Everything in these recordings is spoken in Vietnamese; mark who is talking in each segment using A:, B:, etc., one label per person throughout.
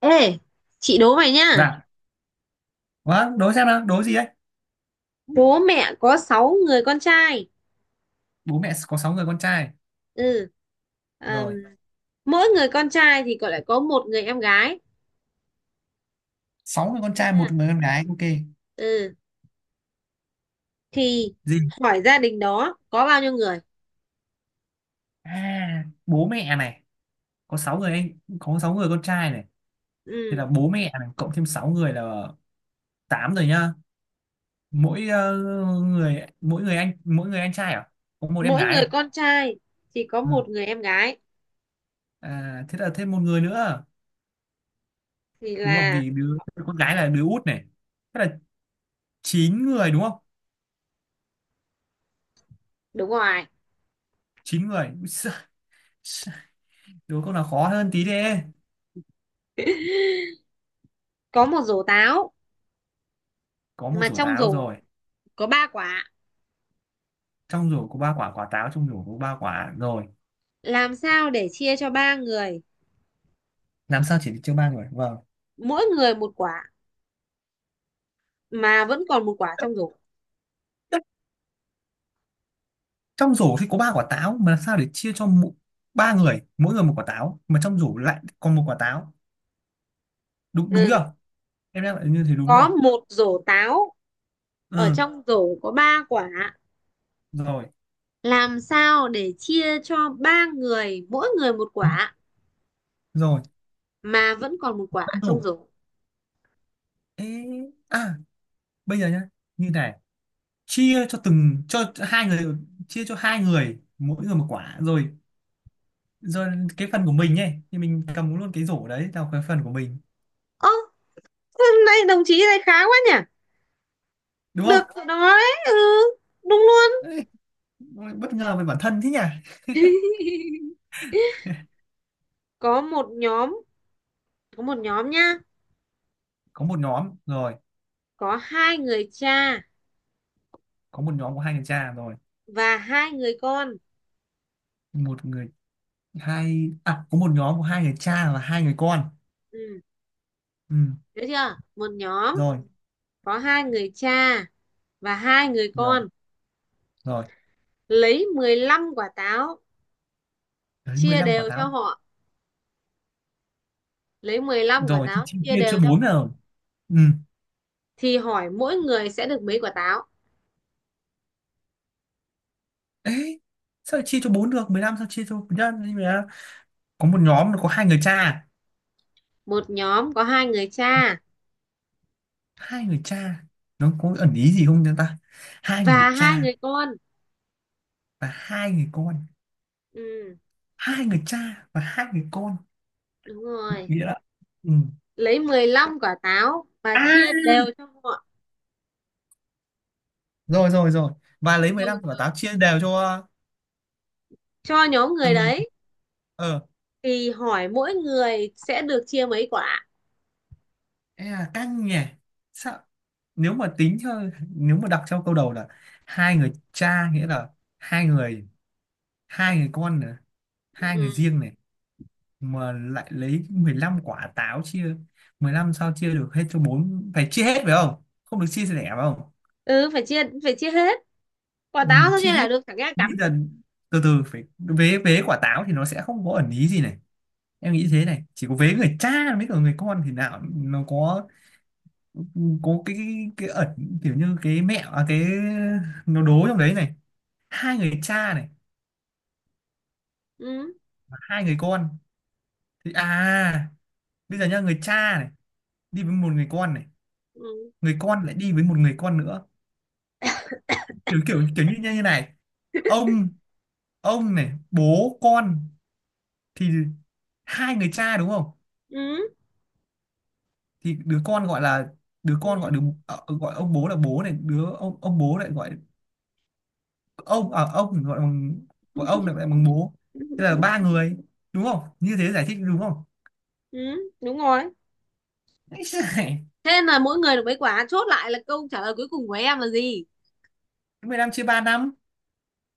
A: Ê, chị đố mày nhá.
B: Dạ, vâng, đố xem nào, đố gì đấy?
A: Bố mẹ có 6 người con trai.
B: Bố mẹ có 6 người con trai.
A: Ừ. Ờm,
B: Rồi,
A: Mỗi người con trai thì còn lại có một người em gái.
B: 6 người con
A: Được
B: trai,
A: chưa?
B: một người con gái, ok.
A: Ừ. Thì
B: Gì?
A: hỏi gia đình đó có bao nhiêu người?
B: À, bố mẹ này, có 6 người anh, có 6 người con trai này. Thì
A: Ừ.
B: là bố mẹ này, cộng thêm 6 người là 8 rồi nhá. Mỗi ờ, người mỗi người anh trai à? Có một em
A: Mỗi
B: gái
A: người
B: à?
A: con trai chỉ có
B: Ừ.
A: một người em gái.
B: À, thế là thêm một người nữa.
A: Thì
B: Đúng không?
A: là
B: Vì đứa con gái là đứa út này. Thế là 9 người đúng không?
A: đúng rồi.
B: Chín người. Ui giời, đố câu nào khó hơn tí đi.
A: Có một rổ táo
B: Có một
A: mà
B: rổ
A: trong
B: táo
A: rổ
B: rồi,
A: có ba quả.
B: trong rổ có ba quả, rồi
A: Làm sao để chia cho ba người
B: làm sao được chia ba người, vâng,
A: mỗi người một quả mà vẫn còn một quả trong rổ?
B: trong rổ thì có ba quả táo, mà làm sao để chia cho ba người, mỗi người một quả táo mà trong rổ lại còn một quả táo, đúng đúng
A: Ừ.
B: chưa? Em đang lại như thế đúng
A: Có
B: chưa?
A: một rổ táo, ở
B: Ừ,
A: trong rổ có ba quả,
B: rồi
A: làm sao để chia cho ba người mỗi người một quả
B: rồi,
A: mà vẫn còn một quả
B: trong
A: trong
B: rổ.
A: rổ?
B: Ê, à, bây giờ nhá, như này, chia cho từng cho hai người, chia cho hai người mỗi người một quả rồi, rồi cái phần của mình ấy thì mình cầm luôn cái rổ đấy là cái phần của mình,
A: Ơ, hôm nay đồng chí này khá quá nhỉ.
B: đúng
A: Được đó. Đấy, ừ, đúng luôn.
B: không? Ôi, bất ngờ về bản thân thế nhỉ.
A: có một nhóm có một nhóm nhá.
B: Có một nhóm rồi,
A: Có hai người cha
B: có một nhóm của hai người cha rồi,
A: và hai người con.
B: một người hai à có một nhóm của hai người cha và hai người con.
A: Ừ.
B: Ừ.
A: Được chưa? Một nhóm
B: Rồi
A: có hai người cha và hai người
B: rồi
A: con,
B: rồi,
A: lấy 15 quả táo
B: đấy mười
A: chia
B: lăm quả
A: đều cho
B: táo
A: họ lấy 15 quả
B: rồi, thì
A: táo
B: chia,
A: chia
B: chia cho
A: đều cho
B: bốn
A: họ,
B: rồi. Ừ.
A: thì hỏi mỗi người sẽ được mấy quả táo?
B: Ấy, sao chia cho bốn được mười lăm, sao chia cho nhân. Nhưng mà có một nhóm là có hai người cha,
A: Một nhóm có hai người cha
B: hai người cha, nó có ẩn ý gì không chúng ta? Hai người
A: và hai
B: cha
A: người con.
B: và hai người con,
A: Ừ,
B: hai người cha và hai người con,
A: đúng rồi.
B: nghĩa là, ừ.
A: Lấy 15 quả táo và
B: À,
A: chia đều cho họ.
B: rồi rồi rồi, và lấy
A: Rồi,
B: 15 quả
A: rồi.
B: táo chia đều cho
A: Cho nhóm người
B: từng người.
A: đấy,
B: Ờ,
A: thì hỏi mỗi người sẽ được chia mấy quả?
B: e là căng nhỉ. Sao, nếu mà tính theo, nếu mà đọc theo câu đầu là hai người cha, nghĩa là hai người, hai người con nữa, hai
A: Ừ,
B: người riêng này, mà lại lấy 15 quả táo chia, 15 sao chia được hết cho bốn, phải chia hết phải không, không được chia sẻ phải không?
A: ừ, phải chia hết. Quả
B: Ừ,
A: táo sao
B: chia
A: chia
B: hết.
A: là được chẳng nghe cắn.
B: Bây giờ, từ từ, phải vế, quả táo thì nó sẽ không có ẩn ý gì này, em nghĩ thế này, chỉ có vế người cha với cả người con thì nào nó có cái ẩn kiểu như cái mẹ à, cái nó đố trong đấy này. Hai người cha này
A: Ừ.
B: và hai người con thì à, bây giờ nhá, người cha này đi với một người con này,
A: Ừ.
B: người con lại đi với một người con nữa, kiểu kiểu kiểu như như này, ông, này bố con thì hai người cha đúng không?
A: Ừ.
B: Thì đứa con gọi là,
A: Ừ.
B: đứa, ờ, gọi ông bố là bố này, đứa, ông bố lại gọi ông, ở ông thì gọi bằng, gọi ông là gọi bằng bố. Thế
A: Ừ.
B: là ba người đúng không, như thế giải thích đúng không?
A: Ừ, đúng rồi.
B: Ấy giời,
A: Thế là mỗi người được mấy quả, chốt lại là câu trả lời cuối cùng của em là gì?
B: 10 năm chia 3 năm.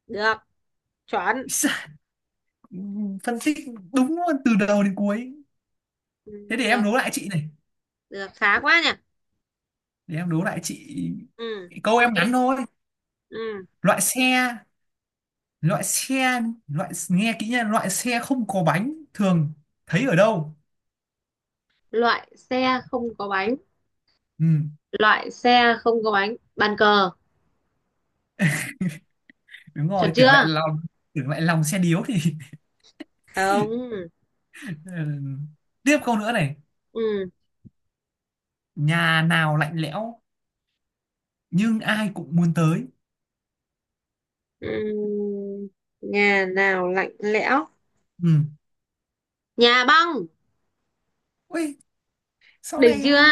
A: Được, chuẩn.
B: Ấy giời, phân tích đúng luôn từ đầu đến cuối.
A: Ừ.
B: Thế để em
A: Được,
B: đố lại chị này,
A: được, khá quá nhỉ.
B: để em đố lại chị,
A: Ừ,
B: câu em
A: ok.
B: ngắn thôi.
A: Ừ.
B: loại xe loại xe Loại, nghe kỹ nha, loại xe không có bánh thường thấy ở đâu?
A: Loại xe không có bánh.
B: Ừ,
A: Loại xe không có bánh. Bàn cờ,
B: đúng
A: chuẩn
B: rồi, tưởng lại
A: chưa?
B: lòng, tưởng lại lòng xe điếu thì
A: Không.
B: Ừ. Tiếp câu nữa này,
A: Ừ.
B: nhà nào lạnh lẽo nhưng ai cũng muốn tới?
A: Ừ. Nhà nào lạnh lẽo?
B: Ừ.
A: Nhà băng.
B: Ui, sau
A: Đỉnh chưa?
B: này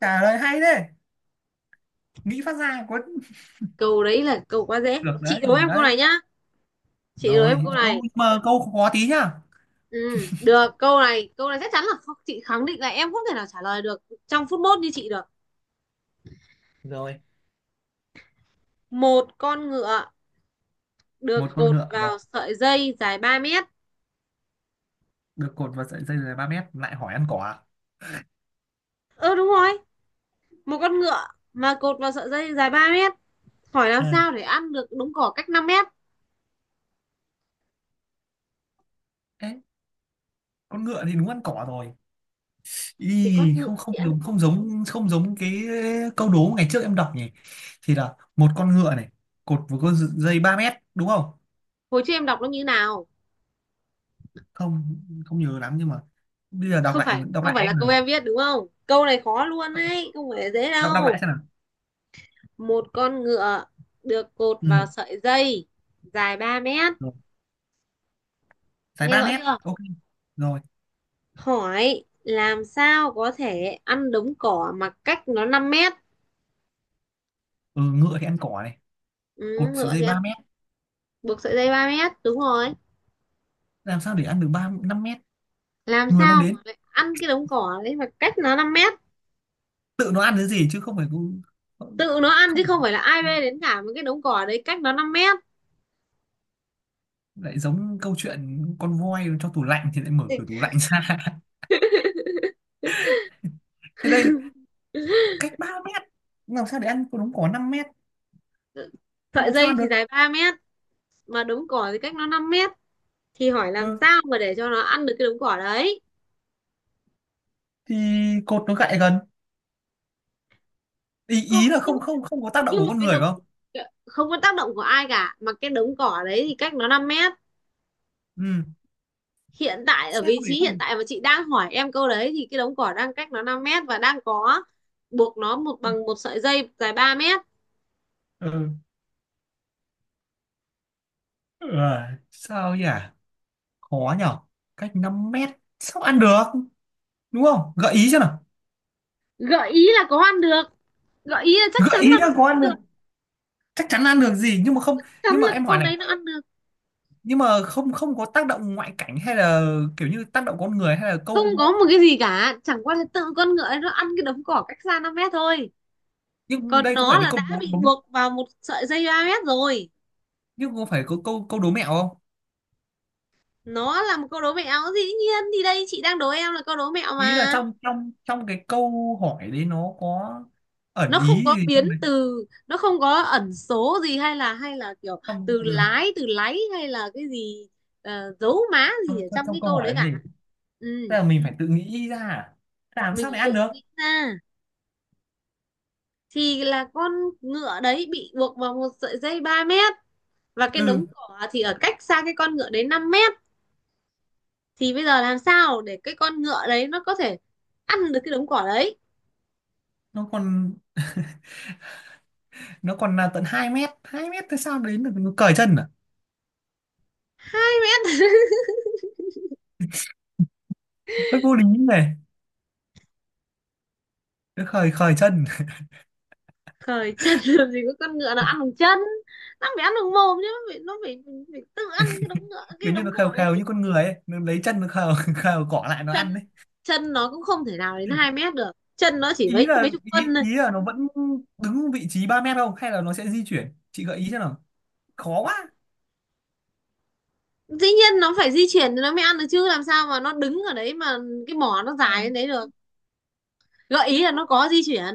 B: trả lời hay đấy, nghĩ phát ra có.
A: Câu đấy là câu quá dễ.
B: Được
A: Chị
B: đấy,
A: đố
B: được
A: em câu
B: đấy,
A: này nhá. Chị đố em
B: rồi
A: câu này.
B: câu mà câu khó tí nhá.
A: Ừ, được, câu này chắc chắn là không, chị khẳng định là em không thể nào trả lời được trong phút mốt như chị được.
B: Rồi,
A: Một con ngựa
B: một
A: được
B: con
A: cột
B: ngựa rồi,
A: vào sợi dây dài 3 mét.
B: được cột vào sợi dây dài 3 mét, lại hỏi ăn cỏ.
A: Ơ, ừ, đúng rồi. Một con ngựa mà cột vào sợi dây dài 3 mét, hỏi làm
B: À,
A: sao để ăn được đống cỏ cách 5 mét.
B: ê, con ngựa thì đúng ăn cỏ rồi. Ý,
A: Thì con
B: không
A: ngựa
B: không
A: thì ăn
B: giống
A: cỏ.
B: không giống không giống cái câu đố ngày trước em đọc nhỉ, thì là một con ngựa này cột vào con dây 3 mét đúng không?
A: Hồi trước em đọc nó như nào?
B: Không không nhớ lắm, nhưng mà bây giờ đọc
A: không
B: lại,
A: phải không phải là
B: em
A: câu
B: là,
A: em viết đúng không? Câu này khó luôn đấy, không phải dễ
B: đọc đọc
A: đâu.
B: lại xem nào.
A: Một con ngựa được cột
B: Ừ.
A: vào sợi dây dài 3 mét,
B: Rồi. Dài
A: nghe
B: 3
A: rõ
B: mét,
A: chưa?
B: ok. Rồi,
A: Hỏi làm sao có thể ăn đống cỏ mà cách nó 5 mét.
B: ừ, ngựa thì ăn cỏ này, cột
A: Ừ,
B: sợi
A: ngựa
B: dây
A: thì ăn,
B: 3 mét,
A: buộc sợi dây 3 mét, đúng rồi.
B: làm sao để ăn được ba 5 mét?
A: Làm
B: Người mang
A: sao mà
B: đến,
A: lại ăn cái đống cỏ đấy mà cách nó 5 mét?
B: tự nó ăn cái gì chứ không phải cứ-
A: Tự nó ăn chứ
B: không
A: không
B: phải-
A: phải là ai bê đến cả, một cái đống cỏ đấy cách nó năm mét.
B: lại giống câu chuyện con voi cho tủ lạnh thì lại mở
A: Thì
B: cửa tủ lạnh ra thế đây, cách 3 mét, làm sao để ăn con đống cỏ 5 mét,
A: ờ, sợi
B: làm sao
A: dây
B: ăn
A: thì
B: được?
A: dài 3 mét mà đống cỏ thì cách nó 5 mét, thì hỏi làm
B: Ừ,
A: sao mà để cho nó ăn được cái đống cỏ đấy.
B: thì cột nó gại gần, ý
A: Còn,
B: ý là
A: nhưng mà,
B: không, không có tác động
A: nhưng
B: của
A: mà
B: con người phải không?
A: không có tác động của ai cả, mà cái đống cỏ đấy thì cách nó 5 mét.
B: Ừ.
A: Hiện tại ở
B: Sao
A: vị
B: để
A: trí
B: ăn
A: hiện
B: được?
A: tại mà chị đang hỏi em câu đấy thì cái đống cỏ đang cách nó 5 mét và đang có buộc nó một
B: Ừ.
A: bằng một sợi dây dài 3 mét.
B: Ừ. Ờ, sao nhỉ, khó nhở, cách 5 mét sao ăn được, đúng không, gợi ý cho nào.
A: Gợi ý là có ăn được. Gợi ý là chắc chắn
B: Gợi
A: là
B: ý
A: nó
B: là
A: ăn
B: có ăn được,
A: được.
B: chắc chắn ăn được gì nhưng mà không.
A: Chắn
B: Nhưng mà
A: là cái
B: em hỏi
A: con
B: này,
A: đấy nó ăn được.
B: nhưng mà không, không có tác động ngoại cảnh hay là kiểu như tác động con người hay là
A: Không
B: câu,
A: có một cái gì cả, chẳng qua là tự con ngựa ấy nó ăn cái đống cỏ cách xa 5 mét thôi.
B: nhưng
A: Còn
B: đây có
A: nó
B: phải là
A: là
B: câu
A: đã
B: đố
A: bị
B: đúng,
A: buộc vào một sợi dây ba mét rồi.
B: nhưng có phải có câu, đố mẹo không?
A: Nó là một câu đố mẹo, dĩ nhiên, thì đây chị đang đố em là câu đố mẹo
B: Ý là
A: mà.
B: trong trong trong cái câu hỏi đấy nó có ẩn
A: Nó không
B: ý
A: có
B: gì
A: biến
B: trong đấy,
A: từ, nó không có ẩn số gì hay là kiểu
B: trong
A: từ
B: ừ,
A: lái từ láy hay là cái gì, dấu má gì
B: trong,
A: ở
B: trong,
A: trong
B: trong
A: cái
B: câu
A: câu đấy
B: hỏi đấy
A: cả.
B: gì,
A: Ừ.
B: tức là mình phải tự nghĩ ra à? Làm
A: Mình
B: sao
A: phải
B: để
A: tự
B: ăn được?
A: nghĩ ra thì là con ngựa đấy bị buộc vào một sợi dây 3 mét, và cái
B: Ừ,
A: đống cỏ thì ở cách xa cái con ngựa đấy 5 mét, thì bây giờ làm sao để cái con ngựa đấy nó có thể ăn được cái đống cỏ đấy?
B: nó còn, nó còn là tận 2 mét, 2 mét thế sao đến được, nó cởi chân à?
A: Hai mét.
B: Hơi vô lý này, nó khởi, chân
A: Khởi chân làm gì có con ngựa nào ăn bằng chân, nó phải ăn bằng mồm chứ, phải tự ăn cái đống ngựa cái
B: kiểu như
A: đống
B: nó khều
A: cỏ
B: khều như
A: đấy.
B: con người ấy, nó lấy chân nó khều khều cỏ lại nó
A: chân
B: ăn đấy.
A: chân nó cũng không thể nào đến hai mét được, chân nó chỉ
B: ý
A: mấy
B: là
A: mấy chục phân
B: ý,
A: thôi.
B: ý là nó vẫn đứng vị trí 3 mét không, hay là nó sẽ di chuyển, chị gợi ý cho nào, khó quá
A: Dĩ nhiên nó phải di chuyển thì nó mới ăn được chứ, làm sao mà nó đứng ở đấy mà cái mỏ nó dài đến
B: làm.
A: đấy được. Gợi ý là
B: Nó
A: nó có di chuyển.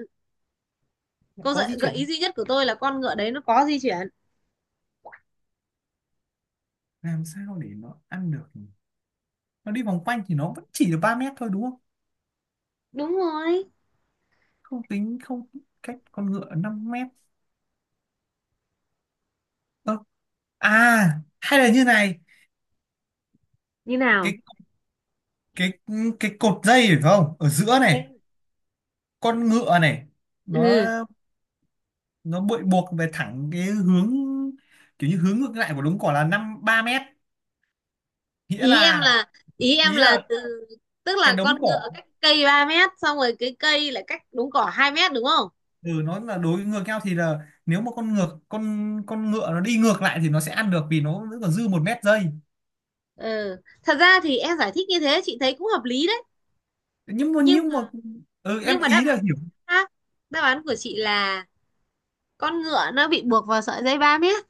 A: Câu
B: có di
A: gợi ý
B: chuyển,
A: duy nhất của tôi là con ngựa đấy nó có di chuyển.
B: làm sao để nó ăn được nhỉ? Nó đi vòng quanh thì nó vẫn chỉ được 3 mét thôi đúng không?
A: Đúng rồi.
B: Không tính không, cách con ngựa 5 mét. Ơ, à hay là như này,
A: Như nào?
B: cái cái cái cột dây phải không ở giữa này,
A: Em-
B: con ngựa này, nó
A: ừ,
B: nó bị buộc về thẳng cái hướng, kiểu như hướng ngược lại của đống cỏ là năm ba mét, nghĩa
A: ý em
B: là,
A: là ý
B: ý
A: em là
B: là
A: từ, tức
B: cái
A: là
B: đống
A: con ngựa
B: cỏ,
A: cách cây 3 mét xong rồi cái cây lại cách đống cỏ 2 mét đúng không?
B: ừ, nó là đối ngược nhau thì là nếu mà con ngựa nó đi ngược lại thì nó sẽ ăn được vì nó vẫn còn dư một mét dây.
A: Ừ, thật ra thì em giải thích như thế chị thấy cũng hợp lý đấy. Nhưng
B: Nhưng
A: mà,
B: mà, ừ, em
A: nhưng mà đáp
B: ý
A: án
B: là
A: của
B: hiểu.
A: chị khác. Đáp án của chị là con ngựa nó bị buộc vào sợi dây 3 mét.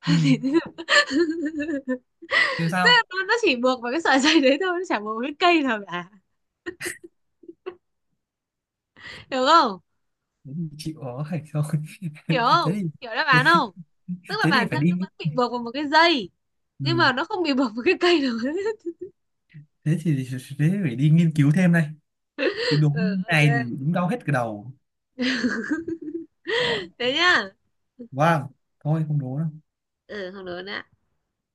B: Ừ,
A: Thì
B: thế sao?
A: nó chỉ buộc vào cái sợi dây đấy thôi, nó chả buộc vào cái cây nào cả, hiểu không?
B: Thế thì chịu ở thôi
A: Hiểu
B: thế
A: không?
B: thì,
A: Hiểu đáp
B: thế,
A: án không? Tức là
B: thế thì
A: bản
B: phải
A: thân nó
B: đi,
A: vẫn bị buộc vào một cái dây,
B: ừ,
A: nhưng mà nó không bị buộc vào cái cây được.
B: thế thì, thế phải đi nghiên cứu thêm đây, cái đố
A: Ừ,
B: này thì
A: ok.
B: đúng đau hết cái đầu. Đó.
A: Thế nhá.
B: Wow, thôi không đố đâu.
A: Ừ, không đúng nữa.